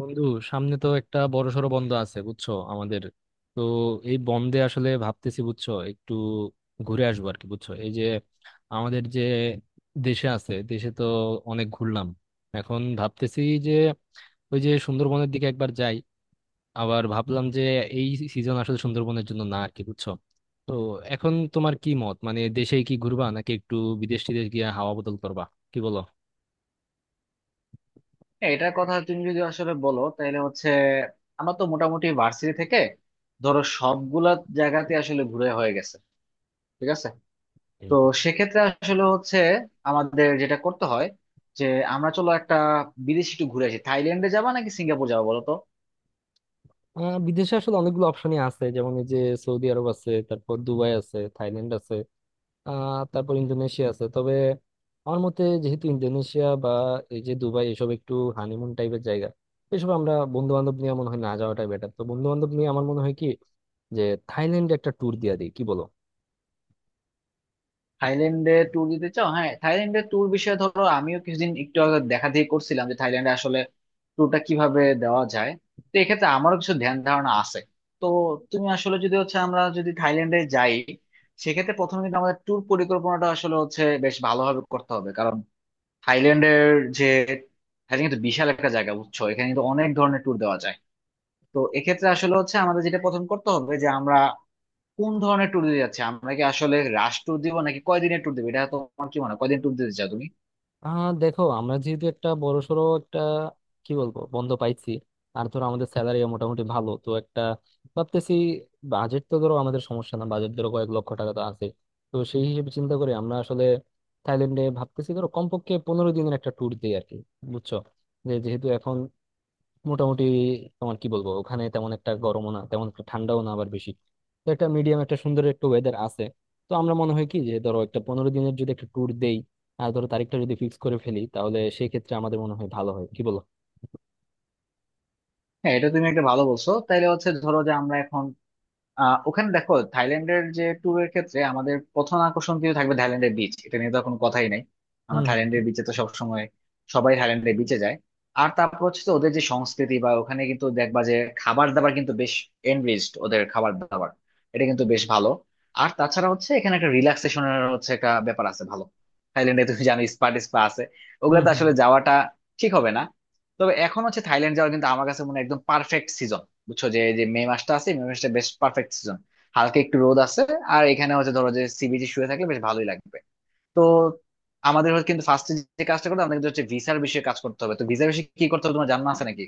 বন্ধু, সামনে তো একটা বড়সড় বন্ধ আছে বুঝছো আমাদের। তো এই বন্ধে আসলে ভাবতেছি বুঝছো একটু ঘুরে আসবো আর কি, বুঝছো এই যে আমাদের যে দেশে আছে, দেশে তো অনেক ঘুরলাম। এখন ভাবতেছি যে ওই যে সুন্দরবনের দিকে একবার যাই। আবার ভাবলাম যে এই সিজন আসলে সুন্দরবনের জন্য না আর কি, বুঝছো। তো এখন তোমার কি মত, মানে দেশে কি ঘুরবা নাকি একটু বিদেশ টিদেশ গিয়ে হাওয়া বদল করবা, কি বলো? হ্যাঁ, এটার কথা তুমি যদি আসলে বলো তাহলে হচ্ছে আমরা তো মোটামুটি ভার্সিটি থেকে ধরো সবগুলা জায়গাতে আসলে ঘুরে হয়ে গেছে। ঠিক আছে। তো সেক্ষেত্রে আসলে হচ্ছে আমাদের যেটা করতে হয় যে আমরা চলো একটা বিদেশে একটু ঘুরে আসি, থাইল্যান্ডে যাবা নাকি সিঙ্গাপুর যাবো বলো তো। বিদেশে আসলে অনেকগুলো অপশনই আছে, যেমন এই যে সৌদি আরব আছে, তারপর দুবাই আছে, থাইল্যান্ড আছে, তারপর ইন্দোনেশিয়া আছে। তবে আমার মতে, যেহেতু ইন্দোনেশিয়া বা এই যে দুবাই এসব একটু হানিমুন টাইপের জায়গা, এসব আমরা বন্ধু বান্ধব নিয়ে মনে হয় না যাওয়াটাই বেটার। তো বন্ধু বান্ধব নিয়ে আমার মনে হয় কি যে থাইল্যান্ডে একটা ট্যুর দিয়ে দিই, কি বলো? থাইল্যান্ডে ট্যুর দিতে চাও? হ্যাঁ, থাইল্যান্ডে ট্যুর বিষয়ে ধরো আমিও কিছুদিন একটু আগে দেখা দেখি করছিলাম যে থাইল্যান্ডে আসলে ট্যুরটা কিভাবে দেওয়া যায়। তো এক্ষেত্রে আমারও কিছু ধ্যান ধারণা আছে। তো তুমি আসলে যদি হচ্ছে আমরা যদি থাইল্যান্ডে যাই সেক্ষেত্রে প্রথমে কিন্তু আমাদের ট্যুর পরিকল্পনাটা আসলে হচ্ছে বেশ ভালোভাবে করতে হবে, কারণ থাইল্যান্ডের যে থাইল্যান্ড কিন্তু বিশাল একটা জায়গা, বুঝছো? এখানে কিন্তু অনেক ধরনের ট্যুর দেওয়া যায়। তো এক্ষেত্রে আসলে হচ্ছে আমাদের যেটা প্রথম করতে হবে যে আমরা কোন ধরনের ট্যুর দিতে যাচ্ছে, আমরা কি আসলে রাশ ট্যুর দিব নাকি কয়দিনের ট্যুর দিব, এটা তোমার কি মনে হয়? কয়দিন ট্যুর দিতে চাও তুমি? দেখো, আমরা যেহেতু একটা বড়সড় একটা কি বলবো বন্ধ পাইছি, আর ধরো আমাদের স্যালারি মোটামুটি ভালো, তো একটা ভাবতেছি, বাজেট তো ধরো আমাদের সমস্যা না, বাজেট ধরো কয়েক লক্ষ টাকা তো আছে। তো সেই হিসেবে চিন্তা করে আমরা আসলে থাইল্যান্ডে ভাবতেছি ধরো কমপক্ষে 15 দিনের একটা ট্যুর দিই আর কি, বুঝছো। যে যেহেতু এখন মোটামুটি, তোমার কি বলবো, ওখানে তেমন একটা গরমও না, তেমন একটা ঠান্ডাও না, আবার বেশি, তো একটা মিডিয়াম একটা সুন্দর একটু ওয়েদার আছে। তো আমরা মনে হয় কি, যে ধরো একটা 15 দিনের যদি একটা ট্যুর দেই আর ধরো তারিখটা যদি ফিক্স করে ফেলি, তাহলে সেই ক্ষেত্রে আমাদের মনে হয় ভালো হয়, কি বলো? হ্যাঁ, এটা তুমি একটা ভালো বলছো। তাইলে হচ্ছে ধরো যে আমরা এখন ওখানে দেখো থাইল্যান্ডের যে ট্যুরের ক্ষেত্রে আমাদের প্রথম আকর্ষণ কিন্তু থাকবে থাইল্যান্ডের বিচ, এটা নিয়ে তো কোনো কথাই নাই। আমরা হুম, হুম। থাইল্যান্ডের বিচে তো সবসময় সবাই থাইল্যান্ডের বিচে যায়। আর তারপর হচ্ছে তো ওদের যে সংস্কৃতি বা ওখানে কিন্তু দেখবা যে খাবার দাবার কিন্তু বেশ এনরিচড, ওদের খাবার দাবার এটা কিন্তু বেশ ভালো। আর তাছাড়া হচ্ছে এখানে একটা রিল্যাক্সেশনের হচ্ছে একটা ব্যাপার আছে ভালো। থাইল্যান্ডে তুমি জানো স্পা টিস্পা আছে, হুম, ওগুলোতে হুম। আসলে যাওয়াটা ঠিক হবে না। তবে এখন হচ্ছে থাইল্যান্ড যাওয়ার কিন্তু আমার কাছে মনে হয় একদম পারফেক্ট সিজন। বুঝছো যে এই যে মে মাসটা আছে, মে মাসটা বেশ পারফেক্ট সিজন, হালকা একটু রোদ আছে। আর এখানে হচ্ছে ধরো যে সি বিচে শুয়ে থাকলে বেশ ভালোই লাগবে। তো আমাদের হচ্ছে কিন্তু ফার্স্টে যে কাজটা করতে হবে আমাদের কিন্তু হচ্ছে ভিসার বিষয়ে কাজ করতে হবে। তো ভিসার বিষয়ে কি করতে হবে তোমার জানা আছে নাকি?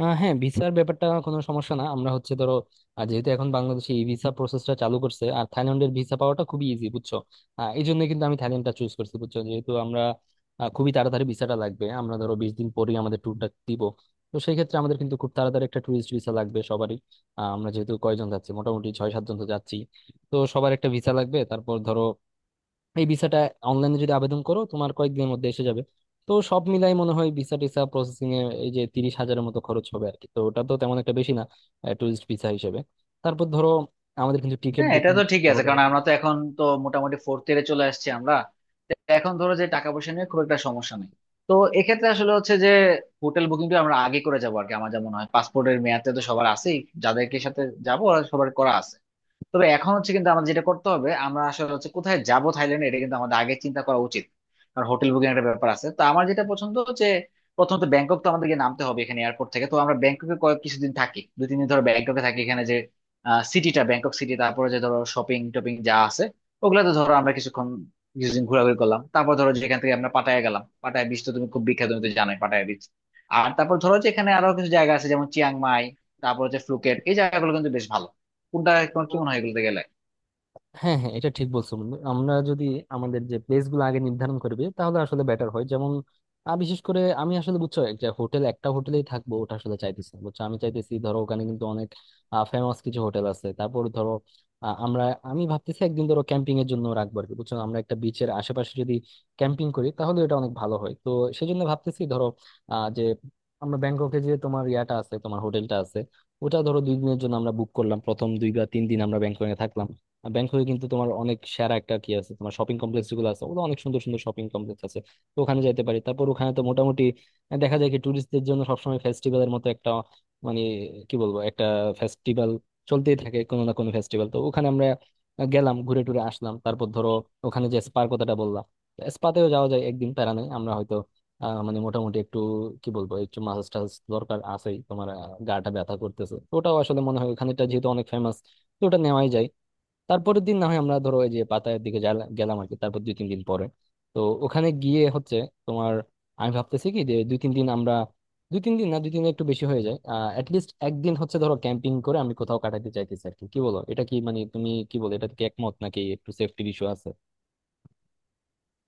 হ্যাঁ, ভিসার ব্যাপারটা কোনো সমস্যা না। আমরা হচ্ছে ধরো, যেহেতু এখন বাংলাদেশে এই ভিসা প্রসেসটা চালু করছে আর থাইল্যান্ডের ভিসা পাওয়াটা খুবই ইজি, বুঝছো। এই জন্য কিন্তু আমি থাইল্যান্ডটা চুজ করছি, বুঝছো। যেহেতু আমরা খুবই তাড়াতাড়ি ভিসাটা লাগবে, আমরা ধরো 20 দিন পরেই আমাদের ট্যুরটা দিব। তো সেই ক্ষেত্রে আমাদের কিন্তু খুব তাড়াতাড়ি একটা ট্যুরিস্ট ভিসা লাগবে সবারই। আমরা যেহেতু কয়জন যাচ্ছি, মোটামুটি 6-7 জন তো যাচ্ছি, তো সবার একটা ভিসা লাগবে। তারপর ধরো এই ভিসাটা অনলাইনে যদি আবেদন করো, তোমার কয়েকদিনের মধ্যে এসে যাবে। তো সব মিলাই মনে হয় ভিসা টিসা প্রসেসিং এ এই যে 30,000-এর মতো খরচ হবে আর কি। তো ওটা তো তেমন একটা বেশি না, ট্যুরিস্ট ভিসা হিসেবে। তারপর ধরো আমাদের কিন্তু টিকিট হ্যাঁ, এটা বুকিং তো ঠিক আছে, হবে। কারণ আমরা তো এখন তো মোটামুটি ফোর্থ ইয়ারে চলে আসছি আমরা। তো এখন ধরো যে টাকা পয়সা নিয়ে খুব একটা সমস্যা নেই। তো এক্ষেত্রে আসলে হচ্ছে যে হোটেল বুকিংটা আমরা আগে করে যাবো আর কি। আমার যেমন হয় পাসপোর্টের মেয়াদটা তো সবার আছেই, যাদেরকে সাথে যাবো ওরা সবার করা আছে। তবে এখন হচ্ছে কিন্তু আমাদের যেটা করতে হবে আমরা আসলে হচ্ছে কোথায় যাব থাইল্যান্ডে, এটা কিন্তু আমাদের আগে চিন্তা করা উচিত, কারণ হোটেল বুকিং একটা ব্যাপার আছে। তো আমার যেটা পছন্দ যে প্রথমত ব্যাংকক তো আমাদেরকে নামতে হবে, এখানে এয়ারপোর্ট থেকে তো আমরা ব্যাংককে কিছুদিন থাকি, 2-3 দিন ধরে ব্যাংককে থাকি, এখানে যে সিটিটা ব্যাংকক সিটি, তারপরে যে ধরো শপিং টপিং যা আছে ওগুলাতে ধরো আমরা কিছুদিন ঘোরাঘুরি করলাম। তারপর ধরো যেখান থেকে আমরা পাটায়া গেলাম, পাটায়া বিচ তো তুমি খুব বিখ্যাত, তুমি তো জানোই পাটায়া বিচ। আর তারপর ধরো যে এখানে আরো কিছু জায়গা আছে যেমন চিয়াং মাই, তারপর হচ্ছে ফুকেট, এই জায়গাগুলো কিন্তু বেশ ভালো। কোনটা তোমার কি মনে হয় এগুলোতে গেলে? হ্যাঁ, হ্যাঁ, এটা ঠিক বলছো বন্ধু। আমরা যদি আমাদের যে প্লেস গুলো আগে নির্ধারণ করবে, তাহলে আসলে বেটার হয়। যেমন বিশেষ করে আমি আসলে, বুঝছো, একটা হোটেল, একটা হোটেলেই থাকবো ওটা আসলে চাইতেছি না, বুঝছো। আমি চাইতেছি, ধরো ওখানে কিন্তু অনেক ফেমাস কিছু হোটেল আছে। তারপর ধরো আহ, আমরা আমি ভাবতেছি একদিন ধরো ক্যাম্পিং এর জন্য রাখবো আর কি, বুঝছো। আমরা একটা বিচের আশেপাশে যদি ক্যাম্পিং করি, তাহলে এটা অনেক ভালো হয়। তো সেই জন্য ভাবতেছি, ধরো আহ যে আমরা ব্যাংককে যে তোমার ইয়াটা আছে, তোমার হোটেলটা আছে, ওটা ধরো 2 দিনের জন্য আমরা বুক করলাম। প্রথম 2 বা 3 দিন আমরা ব্যাংককে থাকলাম। আর ব্যাংককে কিন্তু তোমার অনেক সেরা একটা কি আছে তোমার শপিং কমপ্লেক্স, যেগুলো আছে ওগুলো অনেক সুন্দর সুন্দর শপিং কমপ্লেক্স আছে। তো ওখানে যেতে পারি। তারপর ওখানে তো মোটামুটি দেখা যায় কি ট্যুরিস্টদের জন্য সবসময় ফেস্টিভ্যালের মতো একটা, মানে কি বলবো, একটা ফেস্টিভ্যাল চলতেই থাকে, কোনো না কোনো ফেস্টিভ্যাল। তো ওখানে আমরা গেলাম, ঘুরে টুরে আসলাম। তারপর ধরো ওখানে যে স্পার কথাটা বললাম, স্পাতেও যাওয়া যায় একদিন। প্যারা নেই, আমরা হয়তো মানে মোটামুটি একটু, কি বলবো, একটু মাসাজ টাসাজ দরকার আছেই তোমার। গাটা ব্যথা করতেছে, তো ওটাও আসলে মনে হয়, ওখানেটা যেহেতু অনেক ফেমাস, তো ওটা নেওয়াই যায়। তারপরের দিন না হয় আমরা ধরো ওই যে পাতায়ের দিকে গেলাম আর কি। তারপর দুই তিন দিন পরে তো ওখানে গিয়ে হচ্ছে তোমার, আমি ভাবতেছি কি যে দুই তিন দিন আমরা, দুই তিন দিন একটু বেশি হয়ে যায়। অ্যাটলিস্ট একদিন হচ্ছে ধরো ক্যাম্পিং করে আমি কোথাও কাটাতে চাইতেছি আর কি। কি বলো, এটা কি, মানে তুমি কি বলো, এটা কি একমত নাকি একটু সেফটির ইস্যু আছে?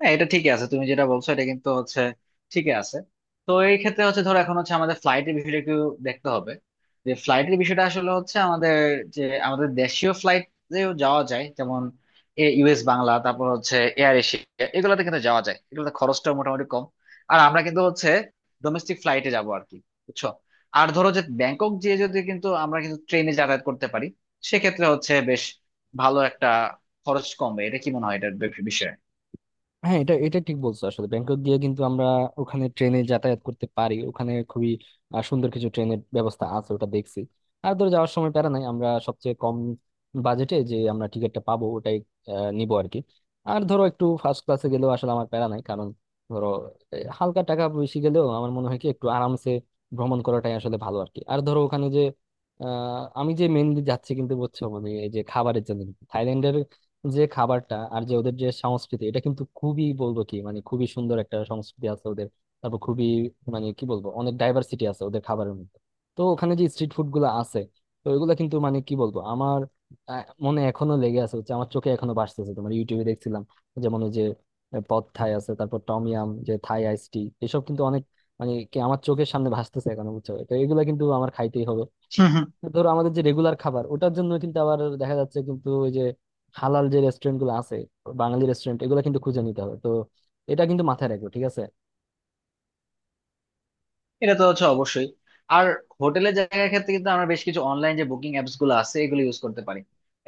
হ্যাঁ, এটা ঠিকই আছে, তুমি যেটা বলছো এটা কিন্তু হচ্ছে ঠিকই আছে। তো এই ক্ষেত্রে হচ্ছে ধরো এখন হচ্ছে আমাদের ফ্লাইটের বিষয়টা একটু দেখতে হবে। যে ফ্লাইটের বিষয়টা আসলে হচ্ছে আমাদের যে আমাদের দেশীয় ফ্লাইটেও যাওয়া যায় যেমন ইউএস বাংলা, তারপর হচ্ছে এয়ার এশিয়া, এগুলোতে কিন্তু যাওয়া যায়, এগুলোতে খরচটা মোটামুটি কম। আর আমরা কিন্তু হচ্ছে ডোমেস্টিক ফ্লাইটে যাবো আর কি, বুঝছো। আর ধরো যে ব্যাংকক যেয়ে যদি কিন্তু আমরা কিন্তু ট্রেনে যাতায়াত করতে পারি সেক্ষেত্রে হচ্ছে বেশ ভালো একটা খরচ কমবে, এটা কি মনে হয় এটার বিষয়ে? হ্যাঁ, এটা এটা ঠিক বলছো। আসলে ব্যাংকক গিয়ে কিন্তু আমরা ওখানে ট্রেনে যাতায়াত করতে পারি। ওখানে খুবই সুন্দর কিছু ট্রেনের ব্যবস্থা আছে, ওটা দেখছি। আর ধরে যাওয়ার সময় প্যারা নাই, আমরা সবচেয়ে কম বাজেটে যে আমরা টিকিটটা পাবো, ওটাই নিবো আর কি। আর ধরো একটু ফার্স্ট ক্লাসে গেলেও আসলে আমার প্যারা নাই। কারণ ধরো হালকা টাকা বেশি গেলেও আমার মনে হয় কি একটু আরামসে ভ্রমণ করাটাই আসলে ভালো আর কি। আর ধরো ওখানে যে আমি যে মেনলি যাচ্ছি কিন্তু, বুঝছো, মানে এই যে খাবারের জন্য, যে খাবারটা আর যে ওদের যে সংস্কৃতি, এটা কিন্তু খুবই বলবো কি, মানে খুবই সুন্দর একটা সংস্কৃতি আছে ওদের। তারপর খুবই, মানে কি বলবো, অনেক ডাইভার্সিটি আছে ওদের খাবারের মধ্যে। তো ওখানে যে স্ট্রিট ফুড গুলো আছে, তো এগুলো কিন্তু, মানে কি বলবো, আমার মনে এখনো লেগে আছে, হচ্ছে আমার চোখে এখনো ভাসতেছে। তোমার ইউটিউবে দেখছিলাম যেমন ওই যে পদ থাই আছে, তারপর টমিয়াম, যে থাই আইস টি, এসব কিন্তু অনেক, মানে কি, আমার চোখের সামনে ভাসতেছে এখন, বুঝছো। তো এগুলো কিন্তু আমার খাইতেই হবে। ধরো আমাদের যে রেগুলার খাবার, ওটার জন্য কিন্তু আবার দেখা যাচ্ছে কিন্তু ওই যে হালাল যে রেস্টুরেন্ট গুলো আছে, বাঙালি রেস্টুরেন্ট, এগুলো কিন্তু খুঁজে নিতে হবে। তো এটা কিন্তু মাথায় রাখবো, ঠিক আছে। এটা তো হচ্ছে অবশ্যই। আর হোটেলের জায়গার ক্ষেত্রে কিন্তু আমরা বেশ কিছু অনলাইন যে বুকিং অ্যাপস গুলো আছে এগুলো ইউজ করতে পারি।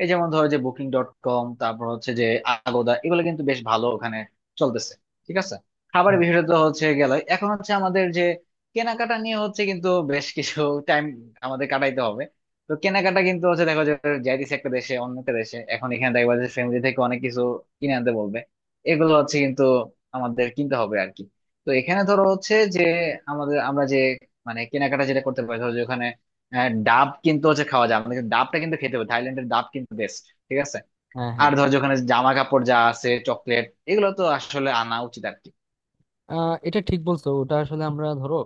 এই যেমন ধরো যে বুকিং ডট কম, তারপর হচ্ছে যে আগোদা, এগুলো কিন্তু বেশ ভালো ওখানে চলতেছে। ঠিক আছে। খাবারের হুম। বিষয়টা তো হচ্ছে গেল, এখন হচ্ছে আমাদের যে কেনাকাটা নিয়ে হচ্ছে কিন্তু বেশ কিছু টাইম আমাদের কাটাইতে হবে। তো কেনাকাটা কিন্তু হচ্ছে, দেখো যে যাইতেছে একটা দেশে অন্য একটা দেশে, এখন এখানে দেখবা যে ফ্যামিলি থেকে অনেক কিছু কিনে আনতে বলবে, এগুলো হচ্ছে কিন্তু আমাদের কিনতে হবে আর কি। তো এখানে ধরো হচ্ছে যে আমাদের আমরা যে মানে কেনাকাটা যেটা করতে পারি ধরো যে ওখানে ডাব কিন্তু হচ্ছে খাওয়া যায়, আমাদের ডাবটা কিন্তু খেতে হবে, থাইল্যান্ডের ডাব কিন্তু বেস্ট। ঠিক আছে। হ্যাঁ, হ্যাঁ। আর ধরো যে ওখানে জামা কাপড় যা আছে, চকলেট, এগুলো তো আসলে আনা উচিত আর কি। এটা ঠিক বলছো। ওটা আসলে আমরা ধরো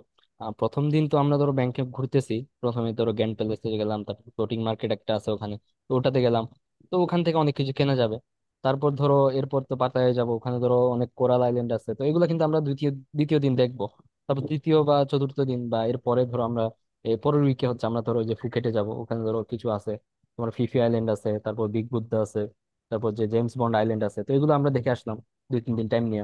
প্রথম দিন তো আমরা ধরো ব্যাংকে ঘুরতেছি। প্রথমে ধরো গ্র্যান্ড প্যালেসে গেলাম, তারপর ফ্লোটিং মার্কেট একটা আছে ওখানে, তো ওটাতে গেলাম। তো ওখান থেকে অনেক কিছু কেনা যাবে। তারপর ধরো এরপর তো পাতায় যাব, ওখানে ধরো অনেক কোরাল আইল্যান্ড আছে, তো এগুলো কিন্তু আমরা দ্বিতীয় দ্বিতীয় দিন দেখবো। তারপর তৃতীয় বা চতুর্থ দিন বা এর পরে ধরো আমরা এর পরের উইকে হচ্ছে আমরা ধরো ওই যে ফুকেটে যাব। ওখানে ধরো কিছু আছে তোমার ফিফি আইল্যান্ড আছে, তারপর বিগ বুদ্ধা আছে, তারপর যে জেমস বন্ড আইল্যান্ড আছে, তো এগুলো আমরা দেখে আসলাম দুই তিন দিন টাইম নিয়ে।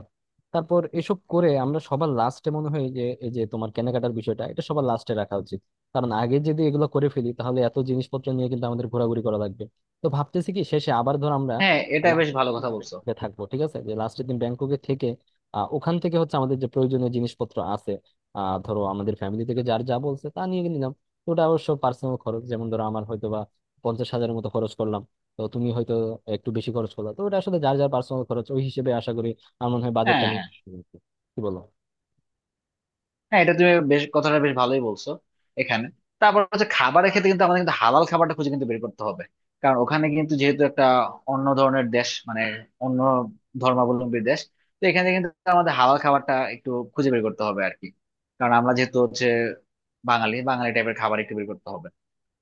তারপর এসব করে আমরা সবার লাস্টে মনে হয় যে এই যে তোমার কেনাকাটার বিষয়টা, এটা সবার লাস্টে রাখা উচিত। কারণ আগে যদি এগুলো করে ফেলি, তাহলে এত জিনিসপত্র নিয়ে কিন্তু আমাদের ঘোরাঘুরি করা লাগবে। তো ভাবতেছি কি শেষে আবার ধর আমরা হ্যাঁ, এটা বেশ লাস্টের ভালো দিন কথা বলছো। ব্যাংককে থাকবো, ঠিক আছে, যে লাস্টের দিন ব্যাংককে থেকে ওখান থেকে হচ্ছে আমাদের যে প্রয়োজনীয় জিনিসপত্র আছে, ধরো আমাদের ফ্যামিলি থেকে যার যা বলছে তা নিয়ে নিলাম। তো ওটা অবশ্য পার্সোনাল খরচ। যেমন ধরো আমার হয়তো বা 50,000-এর মতো খরচ করলাম, তো তুমি হয়তো একটু বেশি খরচ করলা, তো ওটা আসলে যার যার পার্সোনাল খরচ। ওই হিসেবে আশা করি আমার মনে হয় বাজেটটা হ্যাঁ কিন্তু, কি বলো? হ্যাঁ, এটা তুমি বেশ কথাটা বেশ ভালোই বলছো এখানে। তারপর হচ্ছে খাবারের ক্ষেত্রে কিন্তু আমাদের কিন্তু হালাল খাবারটা খুঁজে কিন্তু বের করতে হবে, কারণ ওখানে কিন্তু যেহেতু একটা অন্য ধরনের দেশ মানে অন্য ধর্মাবলম্বী দেশ। তো এখানে কিন্তু আমাদের হালাল খাবারটা একটু খুঁজে বের করতে হবে আর কি, কারণ আমরা যেহেতু হচ্ছে বাঙালি, বাঙালি টাইপের খাবার একটু বের করতে হবে।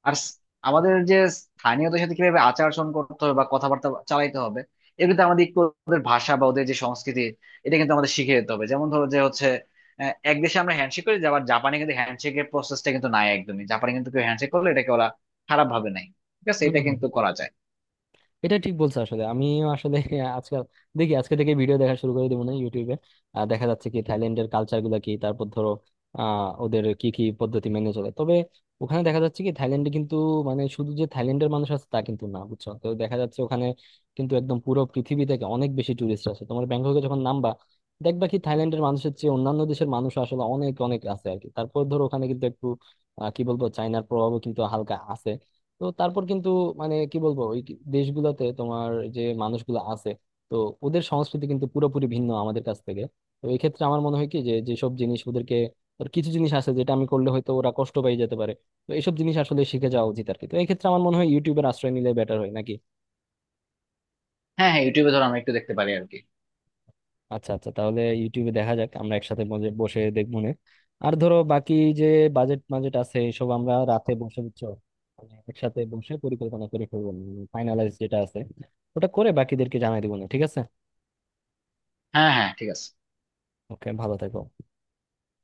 আর স- আমাদের যে স্থানীয়দের সাথে কিভাবে আচার আচরণ করতে হবে বা কথাবার্তা চালাইতে হবে, এটা কিন্তু আমাদের একটু ওদের ভাষা বা ওদের যে সংস্কৃতি এটা কিন্তু আমাদের শিখে যেতে হবে। যেমন ধরো যে হচ্ছে এক দেশে আমরা হ্যান্ডশেক করি, আবার জাপানে কিন্তু হ্যান্ডশেকের প্রসেসটা কিন্তু নাই একদমই, জাপানে কিন্তু কেউ হ্যান্ডশেক করলে এটাকে ওরা খারাপ ভাবে নাই। ঠিক আছে, হম, এটা হম। কিন্তু করা যায়। এটা ঠিক বলছো। আসলে আমিও আসলে আজকাল দেখি, আজকে থেকে ভিডিও দেখা শুরু করে দেবো না ইউটিউবে। দেখা যাচ্ছে কি থাইল্যান্ডের কালচার গুলা কি, তারপর ধরো ওদের কি কি পদ্ধতি মেনে চলে। তবে ওখানে দেখা যাচ্ছে কি থাইল্যান্ডে কিন্তু, মানে শুধু যে থাইল্যান্ডের মানুষ আছে তা কিন্তু না, বুঝছো। তো দেখা যাচ্ছে ওখানে কিন্তু একদম পুরো পৃথিবী থেকে অনেক বেশি টুরিস্ট আছে। তোমার ব্যাংককে যখন নামবা, দেখবা কি থাইল্যান্ডের মানুষের চেয়ে অন্যান্য দেশের মানুষ আসলে অনেক অনেক আছে আর কি। তারপর ধরো ওখানে কিন্তু একটু কি বলবো চাইনার প্রভাবও কিন্তু হালকা আছে। তো তারপর কিন্তু, মানে কি বলবো, ওই দেশগুলোতে তোমার যে মানুষগুলো আছে, তো ওদের সংস্কৃতি কিন্তু পুরোপুরি ভিন্ন আমাদের কাছ থেকে। তো এই ক্ষেত্রে আমার মনে হয় কি যে যেসব জিনিস ওদেরকে, ওর কিছু জিনিস আছে যেটা আমি করলে হয়তো ওরা কষ্ট পেয়ে যেতে পারে, তো এইসব জিনিস আসলে শিখে যাওয়া উচিত আর কি। তো এই ক্ষেত্রে আমার মনে হয় ইউটিউবের আশ্রয় নিলে বেটার হয় নাকি। হ্যাঁ হ্যাঁ, ইউটিউবে ধরো আমরা একটু দেখতে পারি আর কি। আচ্ছা আচ্ছা, তাহলে ইউটিউবে দেখা যাক, আমরা একসাথে বসে বসে দেখবো নে। আর ধরো বাকি যে বাজেট বাজেট আছে, এসব আমরা রাতে বসে, বুঝছো, মানে একসাথে বসে পরিকল্পনা করে ফেলবো। ফাইনালাইজ যেটা আছে ওটা করে বাকিদেরকে জানাই দিব, না? ঠিক আছে। হ্যাঁ হ্যাঁ, ঠিক আছে। ওকে, ভালো থেকো।